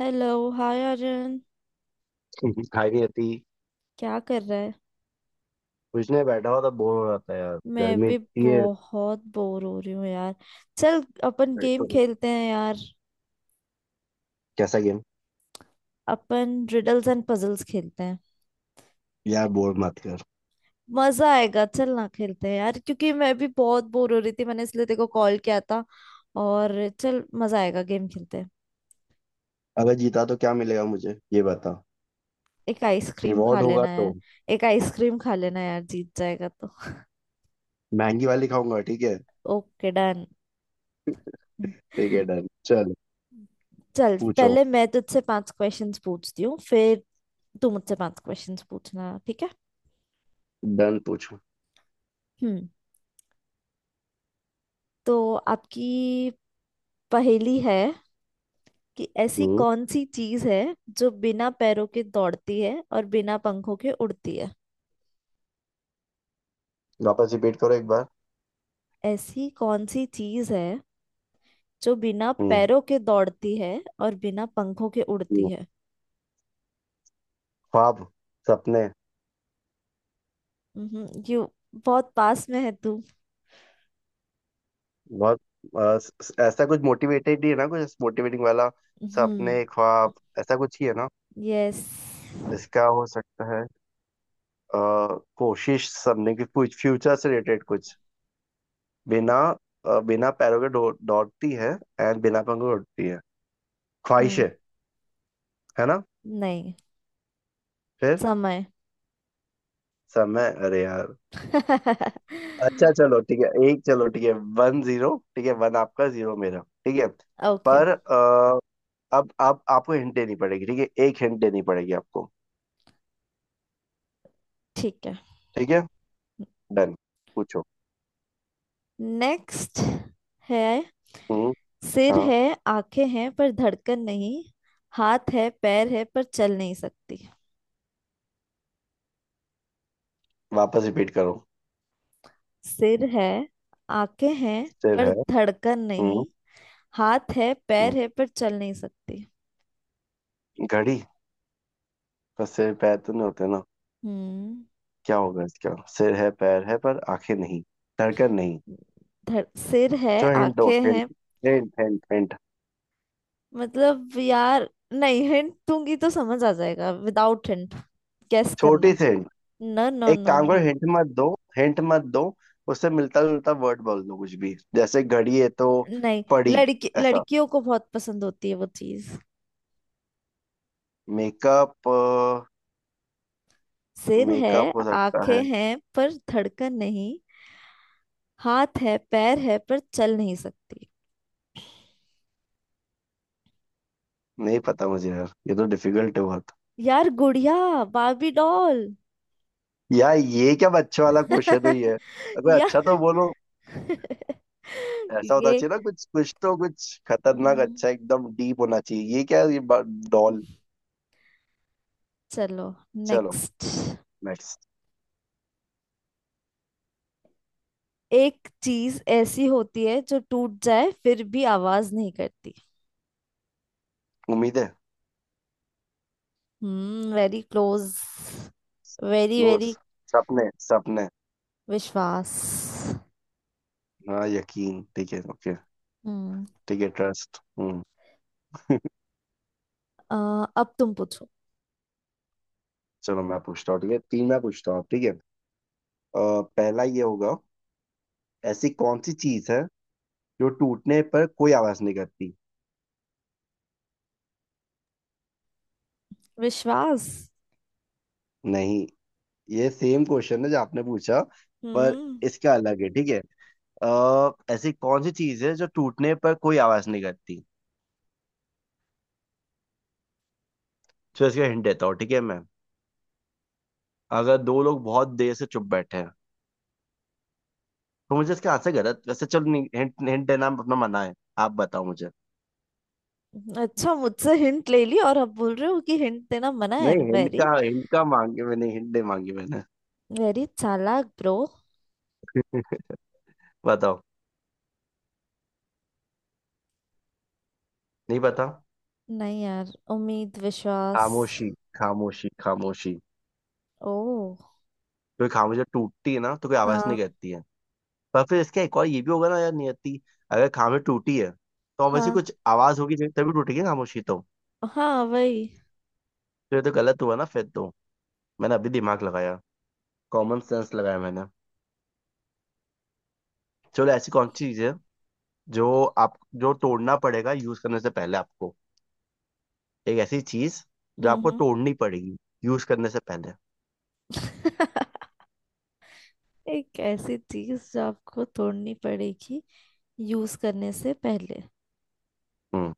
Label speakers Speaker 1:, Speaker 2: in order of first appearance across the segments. Speaker 1: Hello. Hi Arjun.
Speaker 2: खाई नहीं आती।
Speaker 1: क्या कर रहा है।
Speaker 2: कुछ नहीं, बैठा हुआ था, बोर हो रहा था यार,
Speaker 1: मैं
Speaker 2: गर्मी
Speaker 1: भी
Speaker 2: इतनी है।
Speaker 1: बहुत बोर हो रही हूँ यार। चल अपन गेम
Speaker 2: बैठो।
Speaker 1: खेलते हैं यार।
Speaker 2: कैसा गेम?
Speaker 1: अपन रिडल्स एंड पजल्स खेलते हैं।
Speaker 2: यार, बोर मत कर।
Speaker 1: मजा आएगा चल ना खेलते हैं यार, क्योंकि मैं भी बहुत बोर हो रही थी मैंने इसलिए तेरे को कॉल किया था। और चल मजा आएगा गेम खेलते हैं।
Speaker 2: अगर जीता तो क्या मिलेगा मुझे ये बता।
Speaker 1: एक आइसक्रीम खा
Speaker 2: रिवॉर्ड होगा
Speaker 1: लेना
Speaker 2: तो।
Speaker 1: यार। एक आइसक्रीम खा लेना यार जीत जाएगा तो।
Speaker 2: महंगी वाली खाऊंगा, ठीक है।
Speaker 1: Okay done.
Speaker 2: ठीक है, डन, चल।
Speaker 1: चल
Speaker 2: पूछो।
Speaker 1: पहले मैं तुझसे पांच क्वेश्चंस पूछती हूँ, फिर दो मुझसे पांच क्वेश्चंस पूछना, ठीक है।
Speaker 2: डन, पूछो।
Speaker 1: हम्म। तो आपकी पहेली है कि ऐसी
Speaker 2: हम्म
Speaker 1: कौन सी चीज है जो बिना पैरों के दौड़ती है और बिना पंखों के उड़ती है।
Speaker 2: वापस रिपीट करो एक बार।
Speaker 1: ऐसी कौन सी चीज है जो बिना
Speaker 2: हम्म,
Speaker 1: पैरों के दौड़ती है और बिना पंखों के उड़ती
Speaker 2: हम्म।
Speaker 1: है।
Speaker 2: ख्वाब, सपने।
Speaker 1: यू, बहुत पास में है तू।
Speaker 2: बहुत। ऐसा कुछ मोटिवेटेड ही है ना, कुछ मोटिवेटिंग वाला।
Speaker 1: हम्म।
Speaker 2: सपने, ख्वाब, ऐसा कुछ ही है ना।
Speaker 1: यस।
Speaker 2: इसका हो सकता है। अ, कोशिश सबने की, कुछ फ्यूचर से रिलेटेड कुछ। बिना बिना पैरों के दौड़ती है, एंड बिना पंखों के उड़ती है।
Speaker 1: हम्म।
Speaker 2: ख्वाहिशें। है ना?
Speaker 1: नहीं।
Speaker 2: फिर?
Speaker 1: समय।
Speaker 2: समय? अरे यार। अच्छा चलो ठीक है, एक। चलो, ठीक है, 1-0, ठीक है, वन आपका जीरो मेरा, ठीक है।
Speaker 1: ओके।
Speaker 2: पर अब आप आपको हिंट देनी पड़ेगी, ठीक है, एक हिंट देनी पड़ेगी आपको।
Speaker 1: ठीक है।
Speaker 2: ठीक है, डन, पूछो।
Speaker 1: नेक्स्ट है।
Speaker 2: हम्म,
Speaker 1: सिर
Speaker 2: हाँ।
Speaker 1: है, आंखें हैं पर धड़कन नहीं, हाथ है पैर है पर चल नहीं सकती।
Speaker 2: वापस रिपीट करो।
Speaker 1: सिर है, आंखें हैं
Speaker 2: सिर
Speaker 1: पर
Speaker 2: है।
Speaker 1: धड़कन
Speaker 2: हम्म
Speaker 1: नहीं, हाथ है
Speaker 2: हम्म,
Speaker 1: पैर है पर चल नहीं सकती।
Speaker 2: घड़ी। पर सिर पैर तो नहीं होते ना।
Speaker 1: हम्म
Speaker 2: क्या होगा इसका? सिर है, पैर है, पर आंखें नहीं, धड़कन नहीं।
Speaker 1: धड़ सिर है
Speaker 2: जो हिंट दो,
Speaker 1: आंखें
Speaker 2: हिंट।
Speaker 1: हैं।
Speaker 2: Hint, hint, hint.
Speaker 1: मतलब यार नहीं हिंट दूंगी तो समझ आ जाएगा विदाउट हिंट। गेस करना
Speaker 2: छोटी
Speaker 1: है।
Speaker 2: सी हिंट।
Speaker 1: नो नो
Speaker 2: एक
Speaker 1: नो
Speaker 2: काम
Speaker 1: नो।
Speaker 2: करो, हिंट मत दो। हिंट मत दो। उससे मिलता जुलता वर्ड बोल दो, कुछ भी। जैसे घड़ी है तो
Speaker 1: नहीं।
Speaker 2: पड़ी,
Speaker 1: लड़की,
Speaker 2: ऐसा।
Speaker 1: लड़कियों को बहुत पसंद होती है वो चीज।
Speaker 2: मेकअप।
Speaker 1: सिर है,
Speaker 2: मेकअप हो सकता है।
Speaker 1: आंखें हैं पर धड़कन नहीं, हाथ है पैर है पर चल नहीं सकती।
Speaker 2: नहीं पता मुझे यार, ये तो डिफिकल्ट है बहुत।
Speaker 1: यार, गुड़िया, बार्बी डॉल।
Speaker 2: यार, ये क्या बच्चों वाला क्वेश्चन ही है। अगर
Speaker 1: या
Speaker 2: अच्छा तो बोलो। ऐसा होना
Speaker 1: ये
Speaker 2: चाहिए ना कुछ, कुछ तो कुछ खतरनाक
Speaker 1: हम्म,
Speaker 2: अच्छा, एकदम डीप होना चाहिए। ये क्या है? ये डॉल।
Speaker 1: चलो।
Speaker 2: चलो,
Speaker 1: नेक्स्ट।
Speaker 2: नेक्स्ट।
Speaker 1: एक चीज ऐसी होती है जो टूट जाए फिर भी आवाज नहीं करती।
Speaker 2: उम्मीदें।
Speaker 1: Very close. Very
Speaker 2: close.
Speaker 1: Very.
Speaker 2: सपने, सपने।
Speaker 1: विश्वास।
Speaker 2: हाँ, यकीन, ठीक है, ओके।
Speaker 1: हम्म।
Speaker 2: ठीक है, ट्रस्ट।
Speaker 1: अ, अब तुम पूछो।
Speaker 2: चलो मैं पूछता हूँ, ठीक है, तीन मैं पूछता हूँ, ठीक है। अ, पहला ये होगा। ऐसी कौन सी चीज है जो टूटने पर कोई आवाज नहीं करती?
Speaker 1: विश्वास।
Speaker 2: नहीं। ये सेम क्वेश्चन है जो आपने पूछा, पर
Speaker 1: हम्म।
Speaker 2: इसका अलग है, ठीक है। ऐसी कौन सी चीज है जो टूटने पर कोई आवाज नहीं करती? तो इसका हिंट देता हूँ, ठीक है मैं। अगर दो लोग बहुत देर से चुप बैठे हैं, तो मुझे इसके हाथ से गलत। वैसे चलो, नहीं, हिंट, हिंट देना अपना मना है। आप बताओ मुझे।
Speaker 1: अच्छा मुझसे हिंट ले ली और अब बोल रहे हो कि हिंट देना मना है।
Speaker 2: नहीं, हिंट
Speaker 1: वेरी
Speaker 2: का, हिंट का मांगे मैंने? हिंट नहीं मांगी मैंने।
Speaker 1: वेरी चालाक ब्रो।
Speaker 2: बताओ। नहीं पता।
Speaker 1: नहीं यार, उम्मीद विश्वास।
Speaker 2: खामोशी, खामोशी, खामोशी।
Speaker 1: ओ।
Speaker 2: कोई खामोशी जब टूटती है ना, तो कोई आवाज नहीं
Speaker 1: हाँ।
Speaker 2: करती है। पर फिर इसका एक और ये भी होगा ना यार, नियति। अगर खामोशी टूटी है, तो वैसे
Speaker 1: हाँ
Speaker 2: कुछ आवाज होगी तभी टूटेगी ना, खामोशी तो।
Speaker 1: हाँ वही।
Speaker 2: तो ये तो गलत हुआ ना फिर तो। मैंने अभी दिमाग लगाया, कॉमन सेंस लगाया मैंने। चलो, ऐसी कौन सी चीज है जो आप, जो तोड़ना पड़ेगा यूज करने से पहले आपको? एक ऐसी चीज जो
Speaker 1: हम्म।
Speaker 2: आपको तोड़नी पड़ेगी यूज करने से पहले।
Speaker 1: एक ऐसी चीज जो आपको तोड़नी पड़ेगी यूज करने से पहले।
Speaker 2: हम्म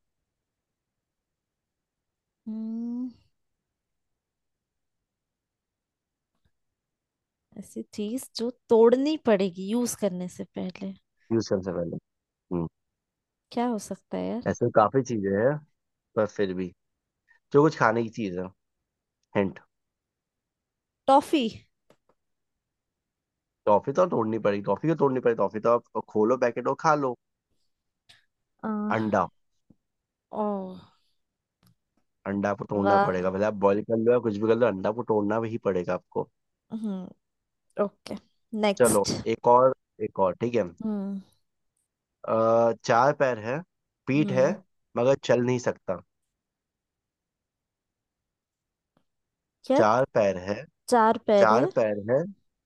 Speaker 1: हम्म। ऐसी चीज जो तोड़नी पड़ेगी यूज करने से पहले।
Speaker 2: यूज करने से पहले। हम्म।
Speaker 1: क्या हो सकता है यार।
Speaker 2: ऐसे काफी चीजें हैं, पर फिर भी। जो कुछ खाने की चीज है, हिंट।
Speaker 1: टॉफी।
Speaker 2: टॉफी तो तोड़नी पड़ेगी? टॉफी क्यों तोड़नी पड़ेगी? टॉफी तो आप खोलो पैकेट और खा लो।
Speaker 1: आ,
Speaker 2: अंडा।
Speaker 1: ओ।
Speaker 2: अंडा आपको तोड़ना
Speaker 1: वाह।
Speaker 2: पड़ेगा, भले आप बॉईल कर लो या कुछ भी कर लो, अंडा को तोड़ना भी पड़ेगा आपको।
Speaker 1: हम्म। ओके।
Speaker 2: चलो,
Speaker 1: नेक्स्ट।
Speaker 2: एक और। एक और, ठीक है।
Speaker 1: हम्म
Speaker 2: चार पैर है, पीठ है,
Speaker 1: हम्म
Speaker 2: मगर चल नहीं सकता।
Speaker 1: क्या।
Speaker 2: चार पैर है।
Speaker 1: चार पैर
Speaker 2: चार
Speaker 1: है।
Speaker 2: पैर है,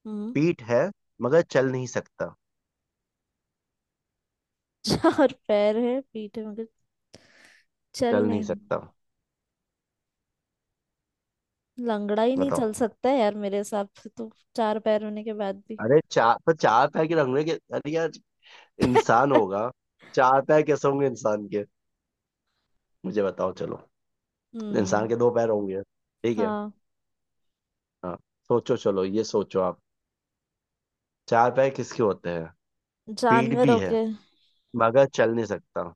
Speaker 1: हम्म।
Speaker 2: पीठ है, मगर चल नहीं सकता,
Speaker 1: चार पैर है पीठ है मगर चल
Speaker 2: चल नहीं
Speaker 1: नहीं
Speaker 2: सकता।
Speaker 1: लंगड़ा ही नहीं
Speaker 2: बताओ।
Speaker 1: चल सकता है यार मेरे हिसाब से, तो चार पैर होने के बाद भी।
Speaker 2: अरे चार पर, चार पैर के रंगने के, अरे यार। इंसान होगा? चार पैर कैसे होंगे इंसान के? मुझे बताओ, चलो। इंसान
Speaker 1: हम्म।
Speaker 2: के दो पैर होंगे, ठीक है।
Speaker 1: हाँ।
Speaker 2: हाँ। सोचो चलो, ये सोचो आप। चार पैर किसके होते हैं? पीठ भी
Speaker 1: जानवरों
Speaker 2: है,
Speaker 1: के।
Speaker 2: मगर चल नहीं सकता।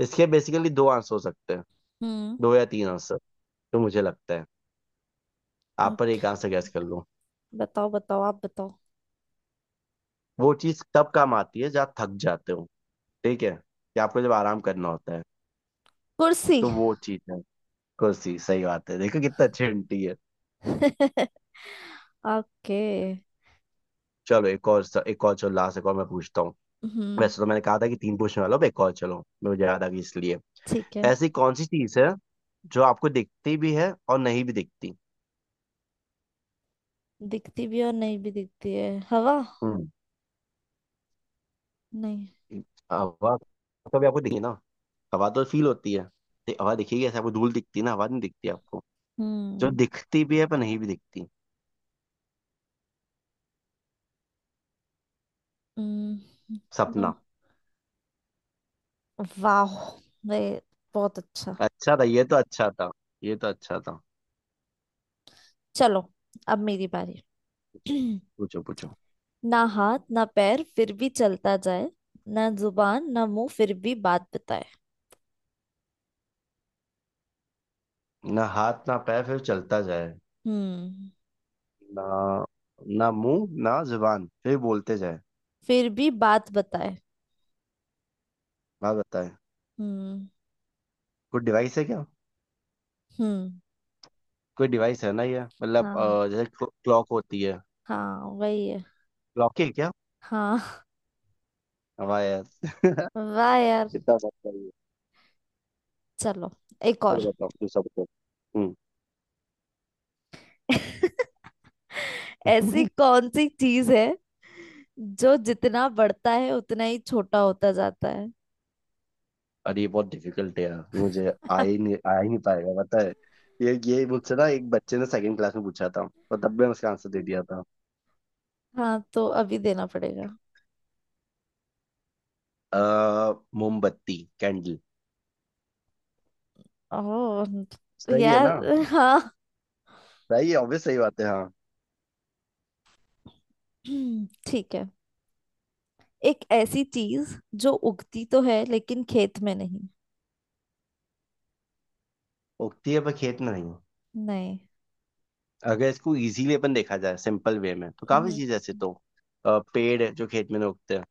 Speaker 2: इसके बेसिकली दो आंसर हो सकते हैं,
Speaker 1: हम्म।
Speaker 2: दो या तीन आंसर। तो मुझे लगता है आप पर एक
Speaker 1: ओके।
Speaker 2: आंसर गैस कर लो।
Speaker 1: बताओ बताओ आप बताओ।
Speaker 2: वो चीज तब काम आती है जब थक जाते हो, ठीक है, कि आपको जब आराम करना होता है,
Speaker 1: कुर्सी।
Speaker 2: तो वो चीज है। कुर्सी। सही बात है, देखो कितना अच्छी हिंट।
Speaker 1: ओके।
Speaker 2: चलो एक और, एक और चलो, लास्ट एक और मैं पूछता हूँ।
Speaker 1: हम्म।
Speaker 2: वैसे तो मैंने कहा था कि तीन पूछने वाला हूँ, अब एक और चलो, मुझे याद आ गई इसलिए।
Speaker 1: ठीक है।
Speaker 2: ऐसी कौन सी चीज है जो आपको दिखती भी है और नहीं भी दिखती?
Speaker 1: दिखती भी और नहीं भी दिखती है, हवा।
Speaker 2: हम्म।
Speaker 1: नहीं।
Speaker 2: हवा तो भी आपको दिखी ना? हवा तो फील होती है। हवा दिखेगी ऐसे आपको? धूल दिखती है ना, हवा नहीं दिखती आपको। जो
Speaker 1: हम्म।
Speaker 2: दिखती भी है पर नहीं भी दिखती।
Speaker 1: हम्म, नो।
Speaker 2: सपना।
Speaker 1: वाह वे, बहुत अच्छा।
Speaker 2: अच्छा था, ये तो अच्छा था। ये तो अच्छा था।
Speaker 1: चलो, अब मेरी बारी।
Speaker 2: पूछो। पूछो, पूछो।
Speaker 1: ना हाथ ना पैर फिर भी चलता जाए, ना जुबान ना मुंह फिर भी बात बताए।
Speaker 2: ना हाथ ना पैर फिर चलता जाए
Speaker 1: हम्म।
Speaker 2: ना, ना मुंह ना जुबान फिर बोलते जाए,
Speaker 1: फिर भी बात बताए।
Speaker 2: बात बताएं।
Speaker 1: हम्म।
Speaker 2: कोई डिवाइस है क्या?
Speaker 1: हम्म।
Speaker 2: कोई डिवाइस है ना, ये मतलब
Speaker 1: हाँ
Speaker 2: जैसे क्लॉक होती है।
Speaker 1: हाँ वही है।
Speaker 2: क्लॉक है क्या?
Speaker 1: हाँ।
Speaker 2: हमारे यार
Speaker 1: वाह यार।
Speaker 2: कितना बात करिए।
Speaker 1: चलो एक
Speaker 2: चलो
Speaker 1: और।
Speaker 2: बताओ, दूसरा बताओ। हम्म।
Speaker 1: ऐसी कौन सी चीज है जो जितना बढ़ता है उतना ही छोटा होता जाता है।
Speaker 2: अरे ये बहुत डिफिकल्ट है यार, ये मुझे आ ही नहीं, आ ही नहीं पाएगा, पता है। ये मुझसे ना एक बच्चे ने सेकंड क्लास में पूछा था, और तब मैंने उसका आंसर दे दिया था।
Speaker 1: हाँ तो अभी देना पड़ेगा।
Speaker 2: अ, मोमबत्ती, कैंडल।
Speaker 1: ओह
Speaker 2: सही है ना?
Speaker 1: यार। हाँ।
Speaker 2: सही है, ऑब्वियस, सही बात है, हाँ।
Speaker 1: ठीक है। एक ऐसी चीज जो उगती तो है लेकिन खेत में नहीं।
Speaker 2: उगती है पर खेत में नहीं।
Speaker 1: नहीं।
Speaker 2: अगर इसको इजीली अपन देखा जाए सिंपल वे में, तो काफी
Speaker 1: हम्म,
Speaker 2: चीज ऐसे तो। पेड़ है जो खेत में उगते हैं,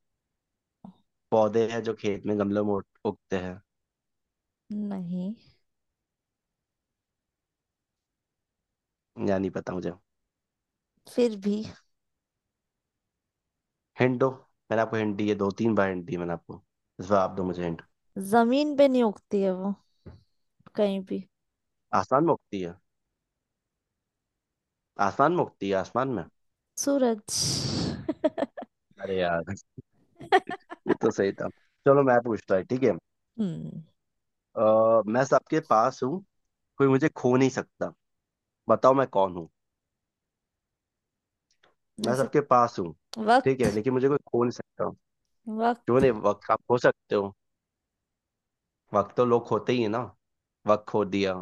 Speaker 2: पौधे हैं जो खेत में गमलों में उगते हैं,
Speaker 1: नहीं।
Speaker 2: या नहीं पता मुझे।
Speaker 1: फिर भी
Speaker 2: हिंट दो। मैंने आपको हिंट दी है, दो तीन बार हिंट दी मैंने आपको, इस बार आप दो मुझे हिंट।
Speaker 1: जमीन पे नहीं उगती है वो, कहीं भी।
Speaker 2: आसमान में उगती है, आसमान में उगती है, आसमान में?
Speaker 1: सूरज।
Speaker 2: अरे यार ये तो सही था। चलो मैं पूछता है, ठीक है।
Speaker 1: हम्म।
Speaker 2: मैं सबके पास हूँ, कोई मुझे खो नहीं सकता। बताओ मैं कौन हूँ। मैं
Speaker 1: ऐसे,
Speaker 2: सबके पास हूँ, ठीक है,
Speaker 1: वक्त।
Speaker 2: लेकिन मुझे कोई खो नहीं सकता। क्यों
Speaker 1: वक्त।
Speaker 2: नहीं? वक्त आप खो सकते हो? वक्त तो लोग खोते ही है ना, वक्त खो दिया।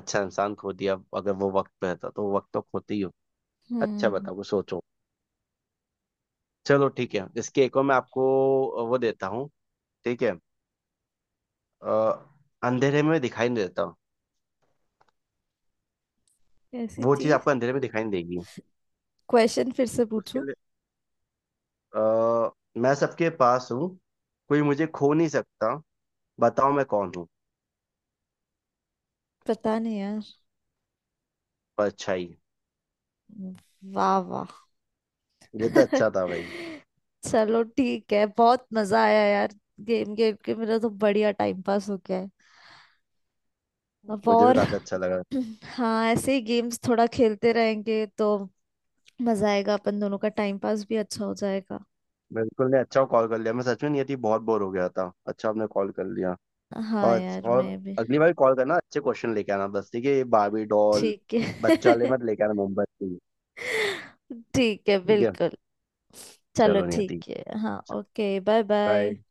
Speaker 2: अच्छा इंसान खो दिया, अगर वो वक्त पे रहता तो, वक्त तो खोते ही हो। अच्छा
Speaker 1: हम्म।
Speaker 2: बताओ, कुछ सोचो। चलो ठीक है, इसके एक और मैं आपको वो देता हूँ, ठीक है। अ, अंधेरे में दिखाई नहीं देता,
Speaker 1: ऐसी
Speaker 2: वो चीज
Speaker 1: चीज।
Speaker 2: आपको अंधेरे में दिखाई नहीं देगी,
Speaker 1: क्वेश्चन फिर से
Speaker 2: उसके
Speaker 1: पूछो।
Speaker 2: लिए। अ, मैं सबके पास हूँ, कोई मुझे खो नहीं सकता। बताओ मैं कौन हूँ।
Speaker 1: पता नहीं यार।
Speaker 2: परछाई।
Speaker 1: वाह वाह।
Speaker 2: ये तो अच्छा था भाई।
Speaker 1: चलो ठीक है, बहुत मजा आया यार। गेम खेल के मेरा तो बढ़िया टाइम पास हो गया है। अब
Speaker 2: मुझे भी
Speaker 1: और
Speaker 2: काफी अच्छा लगा।
Speaker 1: हाँ ऐसे ही गेम्स थोड़ा खेलते रहेंगे तो मजा आएगा, अपन दोनों का टाइम पास भी अच्छा हो जाएगा।
Speaker 2: बिल्कुल नहीं, अच्छा कॉल कर लिया, मैं सच में नहीं थी, बहुत बोर हो गया था, अच्छा आपने कॉल कर लिया।
Speaker 1: हाँ
Speaker 2: और
Speaker 1: यार मैं
Speaker 2: और
Speaker 1: भी।
Speaker 2: अगली बार कॉल करना, अच्छे क्वेश्चन लेके आना बस, ठीक है? ये बारबी डॉल
Speaker 1: ठीक
Speaker 2: बच्चा वाले
Speaker 1: है।
Speaker 2: मत लेके आना मुंबई से।
Speaker 1: ठीक है
Speaker 2: ठीक है।
Speaker 1: बिल्कुल। चलो
Speaker 2: चलो नियति,
Speaker 1: ठीक है, हाँ ओके। Bye
Speaker 2: bye.
Speaker 1: बाय।